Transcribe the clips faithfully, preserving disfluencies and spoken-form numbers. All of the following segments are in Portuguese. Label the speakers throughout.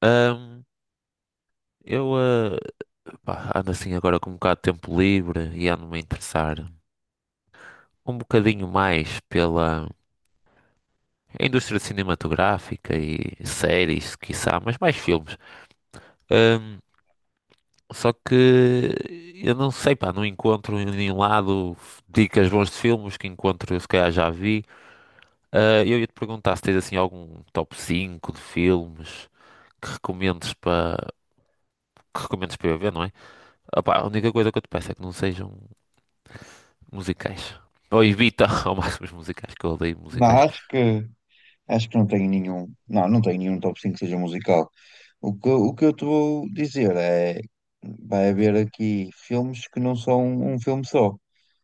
Speaker 1: Ahm, eu ah, pá, ando assim agora com um bocado de tempo livre e ando-me a interessar um bocadinho mais pela indústria cinematográfica e séries, quiçá, mas mais filmes. Ahm, só que eu não sei, pá, não encontro em nenhum lado dicas bons de filmes que encontro, se calhar já vi. Ah, eu ia-te perguntar se tens assim algum top cinco de filmes que recomendes para que recomendes para eu ver, não é? Ah, pá, a única coisa que eu te peço é que não sejam. Musicais. Ou evita ao máximo os musicais, que eu odeio
Speaker 2: Não,
Speaker 1: musicais.
Speaker 2: acho que, acho que não tenho nenhum. Não, não tenho nenhum top cinco que seja musical. O que, o que eu te vou dizer é. Vai haver aqui filmes que não são um filme só.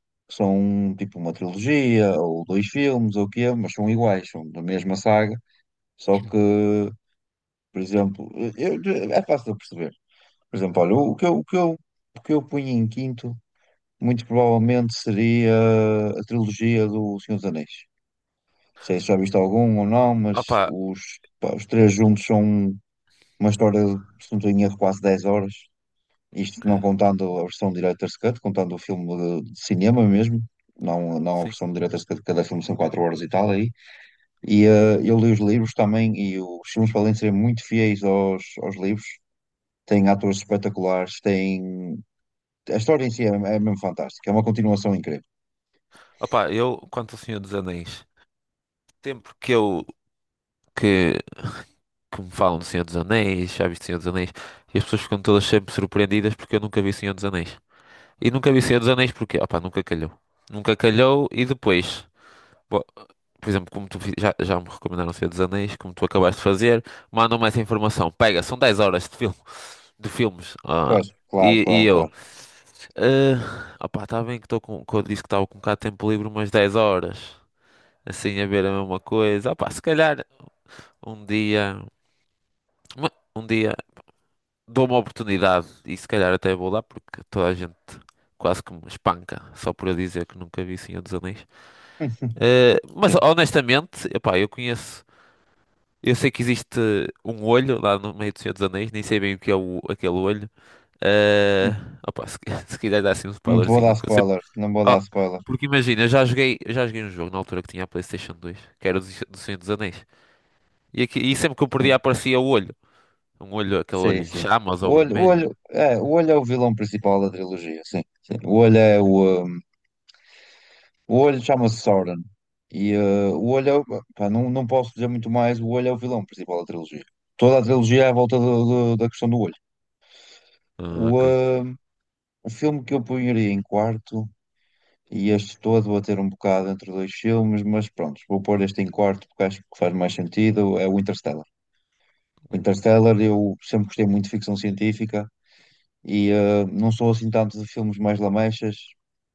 Speaker 2: Que são um, tipo uma trilogia, ou dois filmes, ou o quê, mas são iguais, são da mesma saga. Só que, por exemplo, eu- é fácil de perceber. Por exemplo, olha, o que eu, o que eu, o que eu punho em quinto, muito provavelmente seria a trilogia do Senhor dos Anéis. Não sei se já viste algum ou não, mas
Speaker 1: Opa,
Speaker 2: os, pá, os três juntos são uma história, de, se não tenho erro, quase dez horas. Isto não
Speaker 1: credo,
Speaker 2: contando a versão Director's Cut, contando o filme de, de cinema mesmo, não, não a
Speaker 1: sim.
Speaker 2: versão de Director's Cut, cada filme são quatro horas e tal aí. E eh, eu li os livros também, e os filmes podem ser muito fiéis aos, aos livros. Tem atores espetaculares, tem. A história em si é, é mesmo fantástica, é uma continuação incrível.
Speaker 1: Opa, eu, quanto ao Senhor dos Anéis, tempo que eu, que, que me falam do Senhor dos Anéis, já viste Senhor dos Anéis, e as pessoas ficam todas sempre surpreendidas porque eu nunca vi Senhor dos Anéis. E nunca vi Senhor dos Anéis porque, opa, nunca calhou. Nunca calhou e depois, bo- por exemplo, como tu fi- já, já me recomendaram Senhor dos Anéis, como tu acabaste de fazer, mandam-me essa informação. Pega, são dez horas de filme, de filmes. ah,
Speaker 2: Pois, claro,
Speaker 1: e, e
Speaker 2: claro,
Speaker 1: eu,
Speaker 2: claro.
Speaker 1: Ah, opá, está bem que estou com, que eu disse que estava com um bocado de tempo livre, umas dez horas, assim a ver a mesma coisa. Opá, se calhar um dia, uma- um dia dou uma oportunidade e se calhar até vou lá porque toda a gente quase que me espanca só por eu dizer que nunca vi Senhor dos Anéis. Ah, mas
Speaker 2: Sim.
Speaker 1: honestamente, opá, eu conheço, eu sei que existe um olho lá no meio do Senhor dos Anéis, nem sei bem o que é o- aquele olho.
Speaker 2: Hum,
Speaker 1: Ah, opá, se, se quiser dar assim um
Speaker 2: não te vou dar
Speaker 1: spoilerzinho.
Speaker 2: spoiler, não vou dar
Speaker 1: Ah,
Speaker 2: spoiler.
Speaker 1: porque imagina, eu já joguei, eu já joguei um jogo na altura que tinha a PlayStation dois que era o dos- do Senhor dos Anéis. E, aqui, e sempre que eu perdia aparecia o olho. Um olho, aquele
Speaker 2: Sim,
Speaker 1: olho em
Speaker 2: sim.
Speaker 1: chamas
Speaker 2: O
Speaker 1: ou
Speaker 2: olho, o
Speaker 1: vermelho.
Speaker 2: olho, é, o olho é o vilão principal da trilogia, sim, sim. O olho é o. Um, o olho chama-se Sauron. E uh, o olho é. o- Pá, não, não posso dizer muito mais. O olho é o vilão principal da trilogia. Toda a trilogia é à volta do- do- da questão do olho.
Speaker 1: Ah,
Speaker 2: O,
Speaker 1: ok.
Speaker 2: um, o filme que eu punharia em quarto, e este todo vou ter um bocado entre dois filmes, mas pronto, vou pôr este em quarto porque acho que faz mais sentido. É o Interstellar. O
Speaker 1: Hum.
Speaker 2: Interstellar, eu sempre gostei muito de ficção científica. E eh, não sou assim tanto de filmes mais lamechas,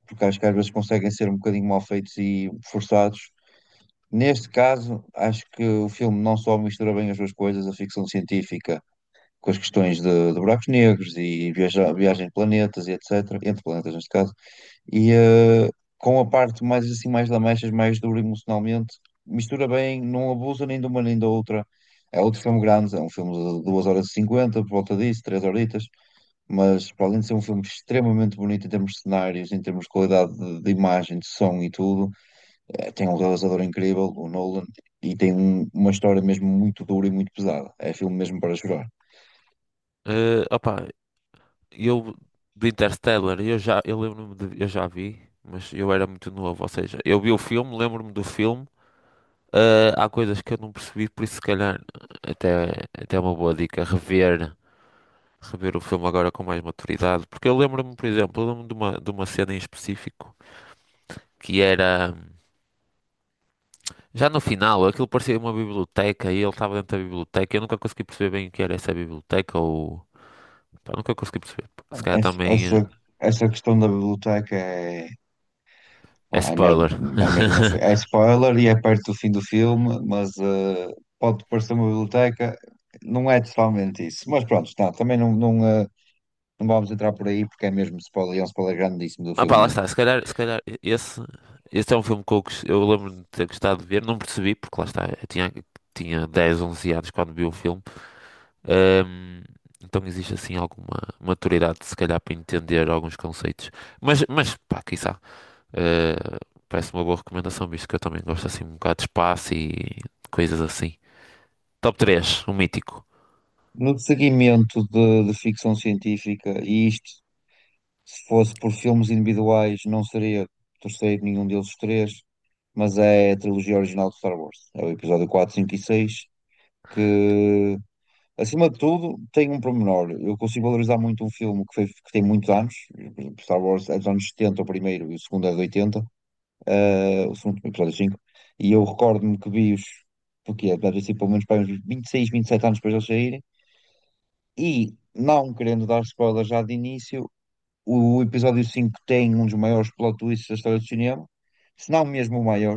Speaker 2: porque acho que às vezes conseguem ser um bocadinho mal feitos e forçados. Neste caso, acho que o filme não só mistura bem as duas coisas, a ficção científica com as questões de, de buracos negros e viaja, viagem de planetas e etcétera, entre planetas neste caso, e eh, com a parte mais assim, mais lamechas, mais dura emocionalmente, mistura bem, não abusa nem de uma nem da outra. É outro filme grande, é um filme de duas horas e cinquenta por volta disso, três horitas. Mas para além de ser um filme extremamente bonito em termos de cenários, em termos de qualidade de, de imagem, de som e tudo, eh, tem um realizador incrível, o Nolan, e tem um- uma história mesmo muito dura e muito pesada. É filme mesmo para chorar.
Speaker 1: Eh, opá, eu do Interstellar, eu já eu lembro-me de- eu já vi, mas eu era muito novo, ou seja, eu vi o filme, lembro-me do filme. ah, há coisas que eu não percebi, por isso se calhar até até é uma boa dica rever rever o filme agora com mais maturidade, porque eu lembro-me, por exemplo, eu lembro-me de uma de uma cena em específico que era já no final, aquilo parecia uma biblioteca e ele estava dentro da biblioteca. Eu nunca consegui perceber bem o que era essa biblioteca ou. Pá, nunca consegui perceber. Se calhar
Speaker 2: Essa,
Speaker 1: também eh,
Speaker 2: essa, essa questão da biblioteca é,
Speaker 1: é
Speaker 2: pá, é mesmo,
Speaker 1: spoiler.
Speaker 2: é mesmo no, fi- é spoiler e é perto do fim do filme, mas eh, pode parecer uma biblioteca, não é totalmente isso. Mas pronto, tá, também não, não, eh, não vamos entrar por aí porque é mesmo spoiler, e é um spoiler grandíssimo do
Speaker 1: Ah pá,
Speaker 2: filme
Speaker 1: lá
Speaker 2: mesmo.
Speaker 1: está, se calhar, se calhar esse, esse é um filme que eu, gos- eu lembro-me de ter gostado de ver, não percebi, porque lá está, eu tinha, tinha dez, onze anos quando vi o filme. Ahm, então existe assim alguma maturidade, se calhar, para entender alguns conceitos, mas, mas pá, quiçá, eh, parece uma boa recomendação, visto que eu também gosto assim um bocado de espaço e coisas assim. Top três, o mítico.
Speaker 2: No seguimento de, de ficção científica, e isto, se fosse por filmes individuais, não seria terceiro nenhum deles os três, mas é a trilogia original de Star Wars. É o episódio quatro, cinco e seis que, acima de tudo, tem um pormenor. Eu consigo valorizar muito um filme que, foi- que tem muitos anos. Por exemplo, Star Wars é dos anos setenta o primeiro, e o segundo é de oitenta, eh, o segundo episódio cinco. E eu recordo-me que vi-os, porque é deve ter sido pelo menos para uns vinte e seis, vinte e sete anos depois de eles saírem. E, não querendo dar spoiler já de início, o episódio cinco tem um dos maiores plot twists da história do cinema, se não mesmo o maior,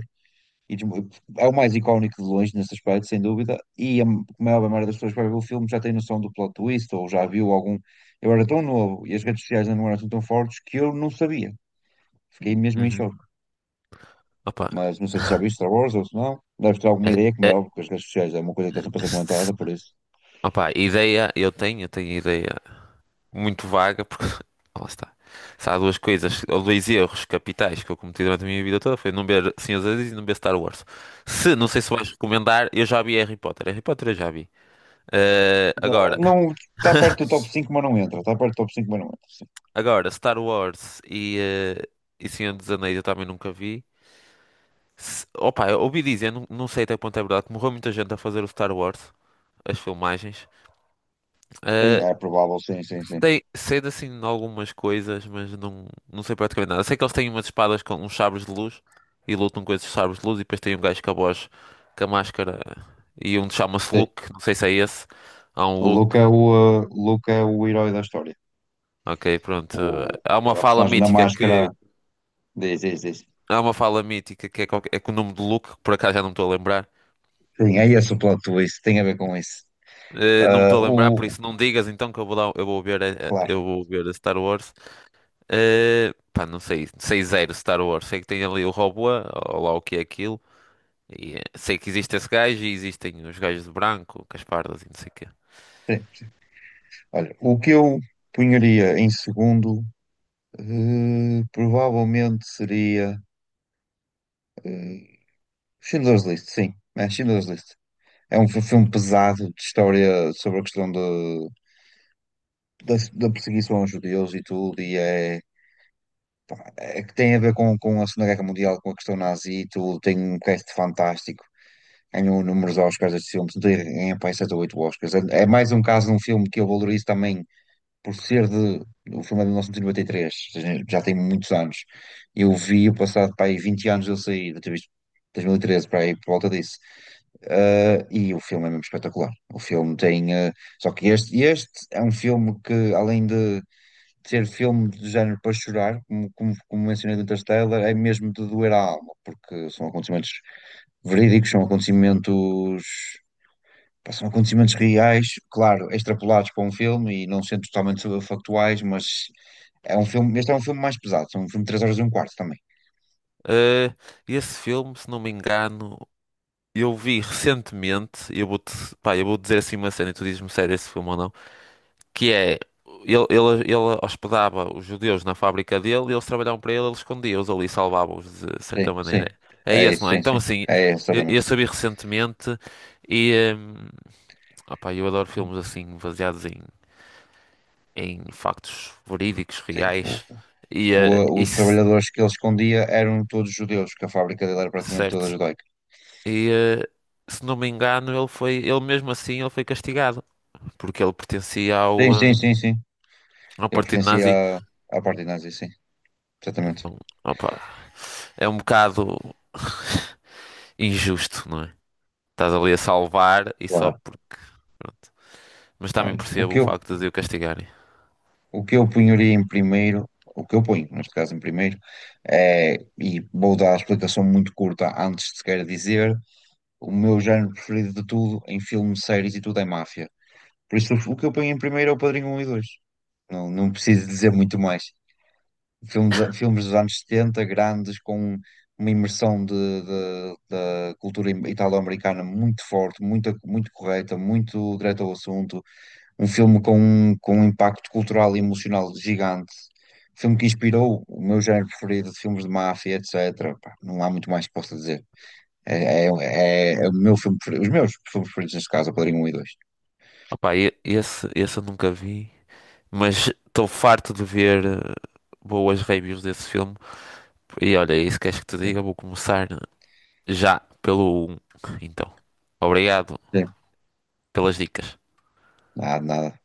Speaker 2: e dos- é o mais icónico de longe nesse aspecto, sem dúvida, e a maior maioria das pessoas que vai ver o filme já tem noção do plot twist, ou já viu algum. Eu era tão novo e as redes sociais ainda não eram assim tão fortes que eu não sabia. Fiquei mesmo em
Speaker 1: Uhum.
Speaker 2: choque.
Speaker 1: Opa,
Speaker 2: Mas não sei se já viste Star Wars ou se não. Deves ter alguma ideia, como
Speaker 1: é,
Speaker 2: é óbvio,
Speaker 1: é-
Speaker 2: porque as redes sociais é uma coisa que está sempre a ser comentada, por isso.
Speaker 1: opa, ideia eu tenho, eu tenho ideia. Muito vaga, porque lá está. Se há duas coisas, ou dois erros capitais que eu cometi durante a minha vida toda, foi não ver Senhor dos Anéis e não ver Star Wars. Se, não sei se vais recomendar, eu já vi Harry Potter. Harry Potter eu já vi. Eh,
Speaker 2: Não,
Speaker 1: agora,
Speaker 2: não- está perto do top cinco mas não entra. Está perto do top cinco mas não entra.
Speaker 1: agora, Star Wars e, eh, e Senhor dos Anéis eu também nunca vi. Se, opa, eu ouvi dizer, não, não sei até que ponto é verdade, que morreu muita gente a fazer o Star Wars, as filmagens.
Speaker 2: Sim,
Speaker 1: Eh,
Speaker 2: é provável, sim, sim, sim.
Speaker 1: tem cedo assim em algumas coisas, mas não, não sei praticamente nada. Sei que eles têm umas espadas com uns sabres de luz e lutam com esses sabres de luz e depois tem um gajo com a voz, com a máscara e um chama-se
Speaker 2: Sim.
Speaker 1: Luke, não sei se é esse. Há um
Speaker 2: O Luke
Speaker 1: Luke,
Speaker 2: é o, uh, o Luke é o herói da história.
Speaker 1: ok, pronto.
Speaker 2: O,
Speaker 1: Há uma
Speaker 2: o- a
Speaker 1: fala
Speaker 2: personagem da
Speaker 1: mítica
Speaker 2: máscara
Speaker 1: que
Speaker 2: diz, diz, diz.
Speaker 1: há uma fala mítica que é, qualquer- é com o nome de Luke, que por acaso já não me estou a lembrar.
Speaker 2: Sim, é esse o plot twist, tem a ver com isso.
Speaker 1: Eh, não me
Speaker 2: Ah,
Speaker 1: estou a lembrar, por
Speaker 2: o,
Speaker 1: isso não digas então que eu vou dar, eu vou ver, eh,
Speaker 2: claro,
Speaker 1: eu vou ver a Star Wars. Eh, pá, não sei, sei zero Star Wars. Sei que tem ali o robô, ou lá o que é aquilo. E, eh, sei que existe esse gajo e existem os gajos de branco, Caspardas e não sei o quê.
Speaker 2: sim. Olha, o que eu punharia em segundo, eh, provavelmente seria eh, Schindler's List, sim, é Schindler's List. É um fi- filme pesado de história sobre a questão de, da, da perseguição aos judeus e tudo, e é eh, que tem a ver com, com a Segunda Guerra Mundial, com a questão nazi e tudo, tem um cast fantástico, ganhou inúmeros Oscars estes filmes, tem- ganha para aí sete ou oito Oscars. É, é mais um caso de um filme que eu valorizo também por ser de. O filme é de mil novecentos e noventa e três, ou seja, já tem muitos anos. Eu vi o passado para aí vinte anos eu saí, eu ter visto dois mil e treze para aí por volta disso. Eh, e o filme é mesmo espetacular. O filme tem. Eh, só que este, este é um filme que, além de ser filme de género para chorar, como, como, como mencionei do Interstellar, é mesmo de doer a alma, porque são acontecimentos verídicos, são acontecimentos, pá, são acontecimentos reais, claro, extrapolados para um filme e não sendo totalmente factuais, mas é um filme, este é um filme mais pesado, é um filme de três horas e um quarto também.
Speaker 1: Eh, esse filme, se não me engano, eu vi recentemente, eu vou-te, pá, eu vou dizer assim uma cena e tu dizes-me sério esse filme ou não, que é, ele, ele, ele hospedava os judeus na fábrica dele e eles trabalhavam para ele, ele escondia-os ali, salvava-os de certa
Speaker 2: Sim,
Speaker 1: maneira.
Speaker 2: sim,
Speaker 1: É
Speaker 2: é
Speaker 1: esse,
Speaker 2: isso,
Speaker 1: não é?
Speaker 2: sim,
Speaker 1: Então,
Speaker 2: sim,
Speaker 1: assim,
Speaker 2: é
Speaker 1: eu, eu
Speaker 2: exatamente.
Speaker 1: só recentemente e, eh, opá, eu adoro filmes assim, baseados em em factos verídicos,
Speaker 2: Sim, o-
Speaker 1: reais, e eh,
Speaker 2: o- os
Speaker 1: isso,
Speaker 2: trabalhadores que ele escondia eram todos judeus, que a fábrica dele era praticamente toda
Speaker 1: certo.
Speaker 2: judaica.
Speaker 1: E eh, se não me engano, ele foi, ele mesmo assim, ele foi castigado, porque ele pertencia
Speaker 2: Sim,
Speaker 1: ao,
Speaker 2: sim,
Speaker 1: eh,
Speaker 2: sim, sim.
Speaker 1: ao
Speaker 2: Ele
Speaker 1: Partido
Speaker 2: pertencia
Speaker 1: Nazi.
Speaker 2: à, à parte nazi, sim. Exatamente.
Speaker 1: Então, opa, é um bocado injusto, não é? Estás ali a salvar e só
Speaker 2: Claro.
Speaker 1: porque. Pronto. Mas também
Speaker 2: Olha, o
Speaker 1: percebo
Speaker 2: que
Speaker 1: o
Speaker 2: eu,
Speaker 1: facto de o castigarem.
Speaker 2: o que eu punharia em primeiro, o que eu ponho, neste caso, em primeiro, é, e vou dar a explicação muito curta antes de sequer dizer, o meu género preferido de tudo em filmes, séries e tudo é máfia. Por isso, o que eu ponho em primeiro é o Padrinho Um e Dois. Não, não preciso dizer muito mais. Filmes, filmes dos anos setenta grandes, com uma imersão de, de- da cultura italo-americana muito forte, muito, muito correta, muito direta ao assunto, um filme com, um, com um impacto cultural e emocional gigante, um filme que inspirou o meu género preferido de filmes de máfia, etcétera. Pá, não há muito mais que possa dizer. É, é, é- é o meu filme preferido, os meus filmes preferidos neste caso, é o Padrinho um e dois.
Speaker 1: Opa, e- esse, esse eu nunca vi, mas estou farto de ver eh, boas reviews desse filme. E olha, é isso que queres que te
Speaker 2: É,
Speaker 1: diga? Vou começar já pelo um. Então, obrigado
Speaker 2: é.
Speaker 1: pelas dicas.
Speaker 2: Nada, nada.